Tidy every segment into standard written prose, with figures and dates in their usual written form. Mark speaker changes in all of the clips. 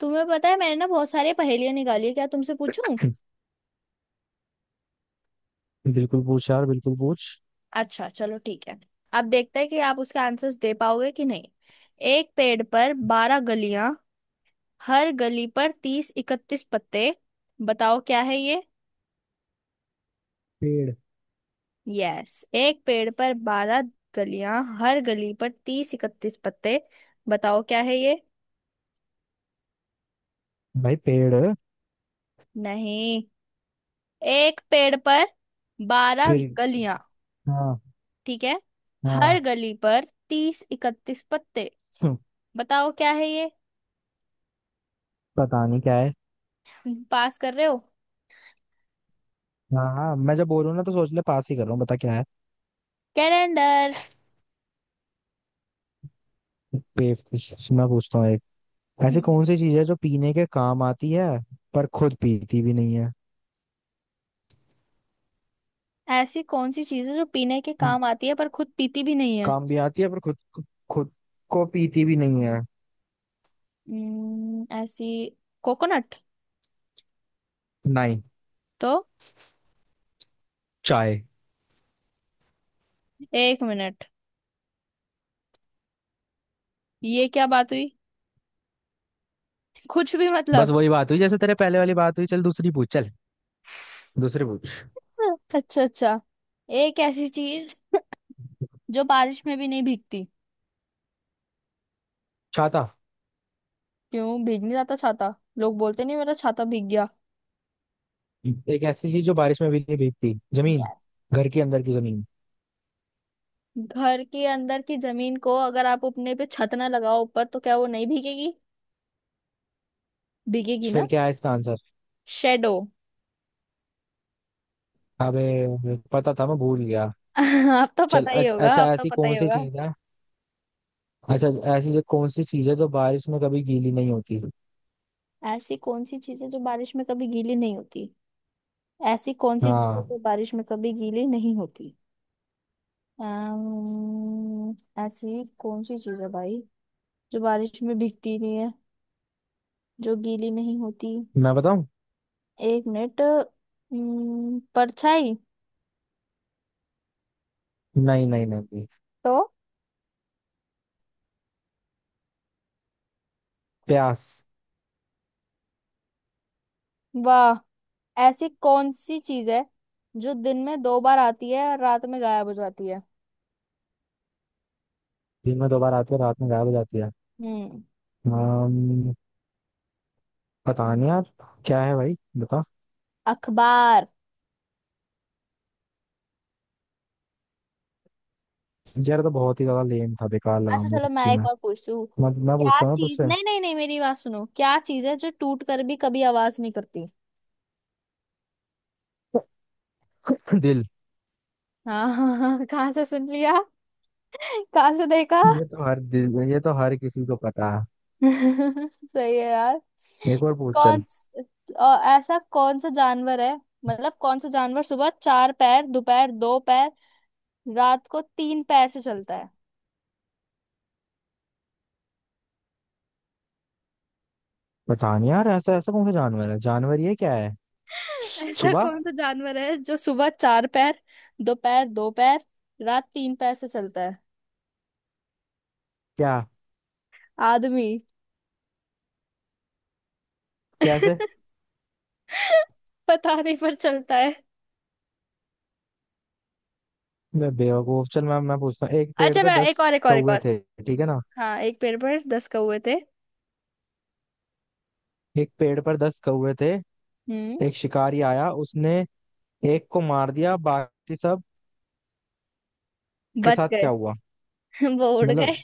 Speaker 1: तुम्हें पता है मैंने ना बहुत सारे पहेलियां निकाली है। क्या तुमसे पूछूं?
Speaker 2: बिल्कुल पूछ यार, बिल्कुल पूछ।
Speaker 1: अच्छा, चलो ठीक है। अब देखते हैं कि आप उसके आंसर्स दे पाओगे कि नहीं। एक पेड़ पर 12 गलियां, हर गली पर 30 31 पत्ते। बताओ क्या है ये?
Speaker 2: पेड़।
Speaker 1: यस, एक पेड़ पर 12 गलियां, हर गली पर तीस इकतीस पत्ते। बताओ क्या है ये?
Speaker 2: भाई पेड़।
Speaker 1: नहीं। एक पेड़ पर बारह
Speaker 2: फिर?
Speaker 1: गलियां।
Speaker 2: हाँ।
Speaker 1: ठीक है। हर
Speaker 2: हाँ।
Speaker 1: गली पर 30 इकतीस पत्ते।
Speaker 2: हम्म,
Speaker 1: बताओ क्या है ये?
Speaker 2: पता नहीं क्या है।
Speaker 1: पास कर रहे हो?
Speaker 2: हाँ हाँ, मैं जब बोलूँ ना तो सोच ले, पास ही कर रहा हूँ, बता क्या है।
Speaker 1: कैलेंडर।
Speaker 2: बेवकूफ! मैं पूछता हूँ एक, ऐसी
Speaker 1: हम्म।
Speaker 2: कौन सी चीज है जो पीने के काम आती है पर खुद पीती भी नहीं है।
Speaker 1: ऐसी कौन सी चीज है जो पीने के
Speaker 2: हम्म,
Speaker 1: काम आती है पर खुद पीती भी नहीं है?
Speaker 2: काम भी आती है पर खुद, खुद को पीती भी नहीं है।
Speaker 1: ऐसी। कोकोनट।
Speaker 2: नहीं।
Speaker 1: तो?
Speaker 2: चाय।
Speaker 1: एक मिनट। ये क्या बात हुई? कुछ भी,
Speaker 2: बस
Speaker 1: मतलब।
Speaker 2: वही बात हुई जैसे तेरे पहले वाली बात हुई। चल दूसरी पूछ, चल दूसरी पूछ।
Speaker 1: अच्छा अच्छा। एक ऐसी चीज जो बारिश में भी नहीं भीगती।
Speaker 2: छाता।
Speaker 1: क्यों भीग नहीं जाता छाता? लोग बोलते नहीं मेरा छाता भीग गया?
Speaker 2: एक ऐसी चीज जो बारिश में भी नहीं भीगती, जमीन,
Speaker 1: यार,
Speaker 2: घर के अंदर की जमीन।
Speaker 1: घर के अंदर की जमीन को अगर आप अपने पे छत ना लगाओ ऊपर तो क्या वो नहीं भीगेगी? भीगेगी ना।
Speaker 2: फिर क्या है इसका आंसर?
Speaker 1: शेडो।
Speaker 2: अबे पता था, मैं भूल गया।
Speaker 1: अब तो
Speaker 2: चल
Speaker 1: पता ही होगा, अब
Speaker 2: अच्छा,
Speaker 1: तो
Speaker 2: ऐसी
Speaker 1: पता
Speaker 2: कौन
Speaker 1: ही
Speaker 2: सी
Speaker 1: होगा।
Speaker 2: चीज है। अच्छा, ऐसी जो कौन सी चीज है जो बारिश में कभी गीली नहीं होती।
Speaker 1: ऐसी कौन सी चीजें जो बारिश में कभी गीली नहीं होती? ऐसी कौन सी चीजें
Speaker 2: हाँ।
Speaker 1: जो बारिश में कभी गीली नहीं होती? अम्म, ऐसी कौन सी चीज है भाई जो बारिश में भीगती नहीं है, जो गीली नहीं होती?
Speaker 2: मैं बताऊं?
Speaker 1: एक मिनट। परछाई।
Speaker 2: नहीं नहीं नहीं।
Speaker 1: तो?
Speaker 2: प्यास।
Speaker 1: वाह। ऐसी कौन सी चीज है जो दिन में दो बार आती है और रात में गायब हो जाती है?
Speaker 2: दिन में 2 बार आती है, रात में गायब हो जाती है।
Speaker 1: हम्म।
Speaker 2: अम्म, पता नहीं यार, क्या है भाई बता।
Speaker 1: अखबार।
Speaker 2: यार ये तो बहुत ही ज्यादा लेम था, बेकार लगा
Speaker 1: अच्छा
Speaker 2: मुझे
Speaker 1: चलो मैं
Speaker 2: सच्ची में।
Speaker 1: एक और पूछती हूँ।
Speaker 2: मैं
Speaker 1: क्या
Speaker 2: पूछता हूँ ना
Speaker 1: चीज,
Speaker 2: तुझसे।
Speaker 1: नहीं नहीं नहीं, मेरी बात सुनो, क्या चीज है जो टूट कर भी कभी आवाज नहीं करती?
Speaker 2: दिल।
Speaker 1: हाँ हाँ हाँ हाँ, कहाँ से सुन लिया? कहाँ से देखा?
Speaker 2: ये तो हर दिल, ये तो हर किसी को पता है।
Speaker 1: सही है यार।
Speaker 2: एक और पूछ
Speaker 1: कौन
Speaker 2: चल।
Speaker 1: स- ऐसा कौन सा जानवर है? मतलब कौन सा जानवर सुबह चार पैर, दोपहर दो पैर, रात को तीन पैर से चलता है?
Speaker 2: पता नहीं यार, ऐसा ऐसा कौन सा जानवर है, जानवर ये क्या है।
Speaker 1: ऐसा
Speaker 2: सुबह?
Speaker 1: कौन सा जानवर है जो सुबह चार पैर, दोपहर दो पैर, रात तीन पैर से चलता है?
Speaker 2: क्या?
Speaker 1: आदमी।
Speaker 2: कैसे?
Speaker 1: पता नहीं पर चलता है।
Speaker 2: मैं बेवकूफ। चल मैं पूछता हूँ, एक पेड़
Speaker 1: अच्छा
Speaker 2: पे
Speaker 1: मैं एक
Speaker 2: 10
Speaker 1: और एक और एक
Speaker 2: कौवे
Speaker 1: और।
Speaker 2: थे, ठीक है ना?
Speaker 1: हाँ, एक पेड़ पर 10 कौवे थे।
Speaker 2: एक पेड़ पर 10 कौवे थे,
Speaker 1: हम्म।
Speaker 2: एक शिकारी आया, उसने एक को मार दिया, बाकी सब के
Speaker 1: बच
Speaker 2: साथ
Speaker 1: गए।
Speaker 2: क्या हुआ?
Speaker 1: वो उड़ गए।
Speaker 2: मतलब,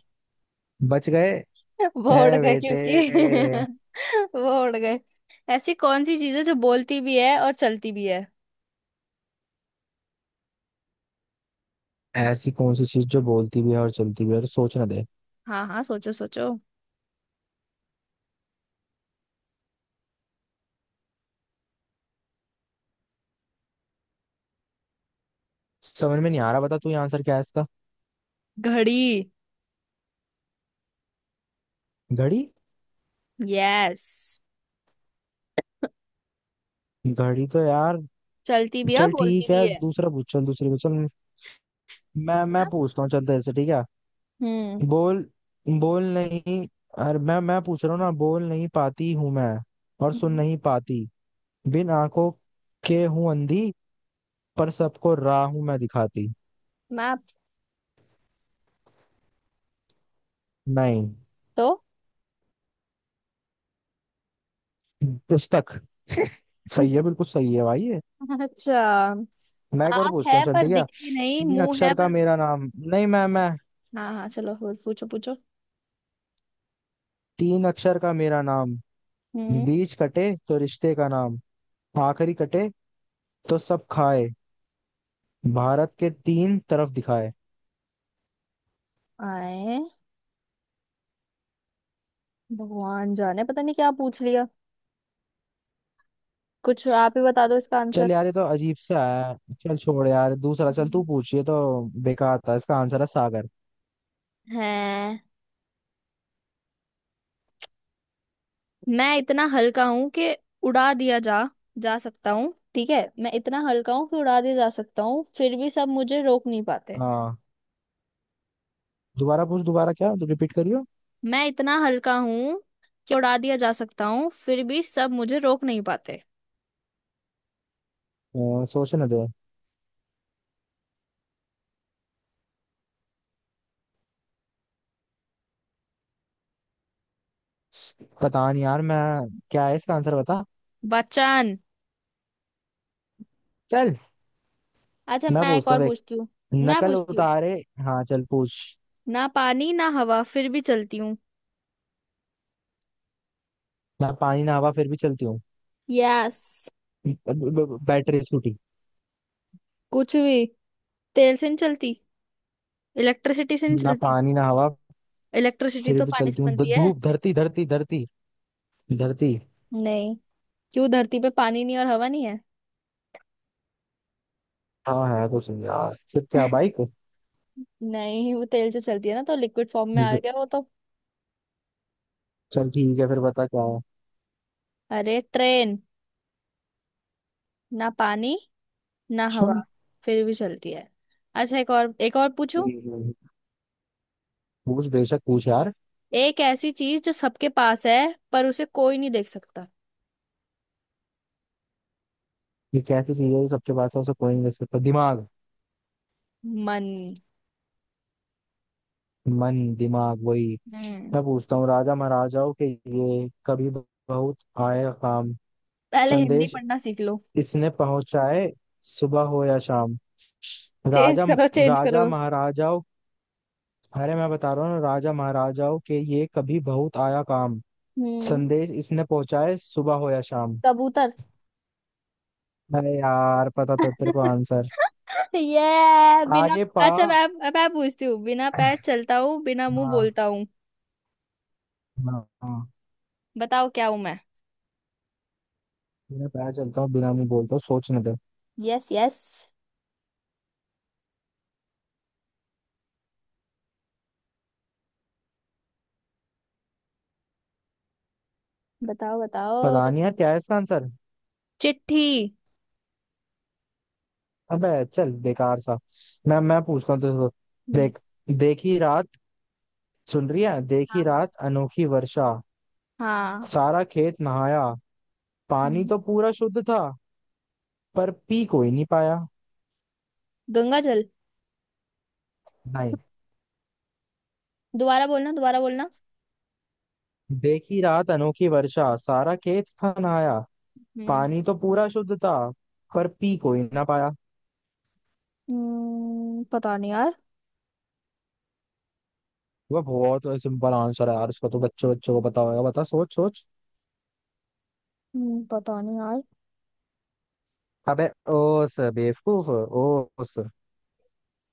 Speaker 2: बच गए?
Speaker 1: वो उड़
Speaker 2: ए
Speaker 1: गए
Speaker 2: बेटे!
Speaker 1: क्योंकि। वो उड़ गए। ऐसी कौन सी चीज है जो बोलती भी है और चलती भी है?
Speaker 2: ऐसी कौन सी चीज जो बोलती भी है और चलती भी है, और सोच ना दे।
Speaker 1: हाँ हाँ, सोचो सोचो।
Speaker 2: समझ में नहीं आ रहा, बता तू, ये आंसर क्या है इसका।
Speaker 1: घड़ी।
Speaker 2: घड़ी?
Speaker 1: यस।
Speaker 2: घड़ी तो यार!
Speaker 1: चलती भी है और
Speaker 2: चल
Speaker 1: बोलती
Speaker 2: ठीक
Speaker 1: भी
Speaker 2: है,
Speaker 1: है।
Speaker 2: दूसरा पूछ चल, दूसरा पूछ चल। मैं
Speaker 1: ना?
Speaker 2: पूछता हूँ चल तेरे से, ठीक है।
Speaker 1: हम्म।
Speaker 2: बोल। बोल नहीं। अरे मैं पूछ रहा हूँ ना, बोल नहीं पाती हूँ मैं और सुन
Speaker 1: हम्म।
Speaker 2: नहीं पाती। बिन आंखों के हूँ अंधी, पर सबको राह हूँ मैं दिखाती।
Speaker 1: मैप।
Speaker 2: नहीं।
Speaker 1: तो?
Speaker 2: पुस्तक। सही है, बिल्कुल सही है भाई ये।
Speaker 1: अच्छा।
Speaker 2: मैं एक और
Speaker 1: आंख
Speaker 2: पूछता
Speaker 1: है
Speaker 2: हूँ, चल
Speaker 1: पर
Speaker 2: ठीक है।
Speaker 1: दिखती नहीं,
Speaker 2: तीन
Speaker 1: मुंह है
Speaker 2: अक्षर का
Speaker 1: पर।
Speaker 2: मेरा नाम नहीं, मैं,
Speaker 1: हाँ हाँ, चलो और पूछो पूछो।
Speaker 2: 3 अक्षर का मेरा नाम,
Speaker 1: हम्म।
Speaker 2: बीच कटे तो रिश्ते का नाम, आखिरी कटे तो सब खाए, भारत के 3 तरफ दिखाए।
Speaker 1: आए। भगवान जाने पता नहीं क्या पूछ लिया। कुछ आप ही बता दो इसका
Speaker 2: चल
Speaker 1: आंसर।
Speaker 2: यार, ये तो अजीब सा है। चल छोड़ यार, दूसरा चल तू
Speaker 1: हम्म।
Speaker 2: पूछ, ये तो बेकार था। इसका आंसर है सागर।
Speaker 1: है। मैं इतना हल्का हूं कि उड़ा दिया जा जा सकता हूँ, ठीक है। मैं इतना हल्का हूँ कि उड़ा दिया जा सकता हूँ फिर भी सब मुझे रोक नहीं पाते।
Speaker 2: हाँ। दोबारा पूछ दोबारा, क्या तू रिपीट करियो।
Speaker 1: मैं इतना हल्का हूँ कि उड़ा दिया जा सकता हूँ फिर भी सब मुझे रोक नहीं पाते।
Speaker 2: सोचने दे। पता नहीं यार मैं, क्या है इसका आंसर बता।
Speaker 1: वचन।
Speaker 2: चल।
Speaker 1: अच्छा
Speaker 2: मैं
Speaker 1: मैं एक
Speaker 2: पूछता
Speaker 1: और
Speaker 2: हूँ, देख,
Speaker 1: पूछती हूँ। मैं
Speaker 2: नकल
Speaker 1: पूछती हूँ,
Speaker 2: उतारे। हाँ चल पूछ।
Speaker 1: ना पानी ना हवा फिर भी चलती हूँ।
Speaker 2: ना पानी ना हवा फिर भी चलती हूँ।
Speaker 1: यस।
Speaker 2: Battery scooty.
Speaker 1: कुछ भी। तेल से नहीं चलती, इलेक्ट्रिसिटी से नहीं
Speaker 2: ना
Speaker 1: चलती।
Speaker 2: पानी ना हवा
Speaker 1: इलेक्ट्रिसिटी
Speaker 2: फिर
Speaker 1: तो
Speaker 2: भी
Speaker 1: पानी से
Speaker 2: चलती हूँ,
Speaker 1: बनती है।
Speaker 2: धूप, धरती, धरती।
Speaker 1: नहीं। क्यों, धरती पे पानी नहीं और हवा नहीं है?
Speaker 2: हाँ है। कुछ नहीं यार। फिर क्या, बाइक?
Speaker 1: नहीं, वो तेल से चलती है ना, तो लिक्विड फॉर्म में आ गया वो तो।
Speaker 2: चल ठीक है, फिर बता क्या
Speaker 1: अरे, ट्रेन। ना पानी ना
Speaker 2: है।
Speaker 1: हवा फिर भी चलती है। अच्छा एक और पूछूं।
Speaker 2: हम्म। पूछ, बेशक पूछ यार।
Speaker 1: एक ऐसी चीज जो सबके पास है पर उसे कोई नहीं देख सकता।
Speaker 2: ये कैसी चीज है जो सबके पास है, उसे कोई नहीं दे सकता, दिमाग?
Speaker 1: मन।
Speaker 2: मन, दिमाग वही।
Speaker 1: हम्म।
Speaker 2: मैं पूछता हूँ, राजा महाराजाओं के ये कभी बहुत आए काम,
Speaker 1: पहले हिंदी
Speaker 2: संदेश
Speaker 1: पढ़ना सीख लो।
Speaker 2: इसने पहुंचाए सुबह हो या शाम।
Speaker 1: चेंज
Speaker 2: राजा
Speaker 1: करो चेंज करो।
Speaker 2: राजा महाराजाओं, अरे मैं बता रहा हूँ ना, राजा महाराजाओं के ये कभी बहुत आया काम,
Speaker 1: हम्म।
Speaker 2: संदेश इसने पहुंचाए सुबह हो या शाम।
Speaker 1: कबूतर।
Speaker 2: अरे यार, पता तो तेरे को आंसर।
Speaker 1: ये बिना।
Speaker 2: आगे पा।
Speaker 1: अच्छा मैं। अब मैं पूछती हूँ, बिना पैर चलता हूँ बिना मुंह
Speaker 2: हाँ।
Speaker 1: बोलता हूँ।
Speaker 2: हाँ हाँ।
Speaker 1: बताओ क्या हूँ मैं?
Speaker 2: बिना पता चलता हूँ, बिना मुंह बोलता हूँ, सोचने दे।
Speaker 1: यस यस, बताओ
Speaker 2: पता
Speaker 1: बताओ।
Speaker 2: नहीं यार, क्या है इसका आंसर।
Speaker 1: चिट्ठी।
Speaker 2: अबे चल बेकार सा। मैं पूछता हूँ तुझसे,
Speaker 1: हम्म,
Speaker 2: देख, देखी रात, सुन रही है?
Speaker 1: हाँ
Speaker 2: देखी
Speaker 1: हाँ
Speaker 2: रात अनोखी वर्षा,
Speaker 1: हाँ।
Speaker 2: सारा खेत नहाया, पानी
Speaker 1: हम्म।
Speaker 2: तो पूरा शुद्ध था, पर पी कोई नहीं पाया।
Speaker 1: गंगा जल।
Speaker 2: नहीं।
Speaker 1: दोबारा बोलना दोबारा बोलना।
Speaker 2: देखी रात अनोखी वर्षा, सारा खेत था नहाया,
Speaker 1: हम्म।
Speaker 2: पानी तो पूरा शुद्ध था, पर पी कोई ना पाया।
Speaker 1: पता नहीं यार।
Speaker 2: वह बहुत सिंपल आंसर है यार, इसका तो बच्चों बच्चों को पता होगा, बता, सोच सोच।
Speaker 1: पता नहीं यार।
Speaker 2: अबे, ओस बेवकूफ, ओस।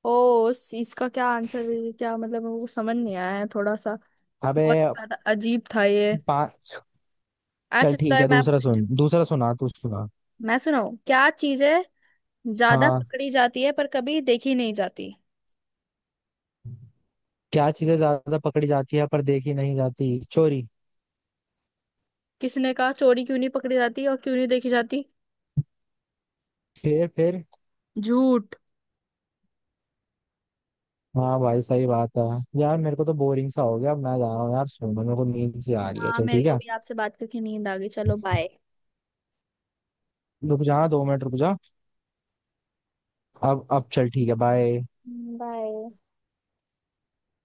Speaker 1: ओ इसका क्या आंसर है ये? क्या मतलब, मेरे को समझ नहीं आया है थोड़ा सा।
Speaker 2: अबे
Speaker 1: बहुत ज्यादा अजीब था ये।
Speaker 2: पांच। चल
Speaker 1: अच्छा
Speaker 2: ठीक
Speaker 1: थोड़ा
Speaker 2: है,
Speaker 1: मैं
Speaker 2: दूसरा
Speaker 1: पूछती
Speaker 2: सुन,
Speaker 1: हूँ।
Speaker 2: दूसरा सुना तू, सुना।
Speaker 1: मैं सुनाऊँ, क्या चीज है ज्यादा
Speaker 2: हाँ।
Speaker 1: पकड़ी जाती है पर कभी देखी नहीं जाती?
Speaker 2: क्या चीजें ज्यादा पकड़ी जाती है पर देखी नहीं जाती, चोरी?
Speaker 1: किसी ने कहा, चोरी क्यों नहीं पकड़ी जाती और क्यों नहीं देखी जाती?
Speaker 2: फिर।
Speaker 1: झूठ।
Speaker 2: हाँ भाई, सही बात है। यार मेरे को तो बोरिंग सा हो गया, अब मैं जा रहा हूँ यार, सुन मेरे को नींद से आ रही है,
Speaker 1: हाँ
Speaker 2: चल
Speaker 1: मेरे
Speaker 2: ठीक
Speaker 1: को
Speaker 2: है।
Speaker 1: भी आपसे बात करके नींद आ गई। चलो बाय।
Speaker 2: रुक जा, 2 मिनट रुक जा। अब चल ठीक है, बाय।
Speaker 1: बाय।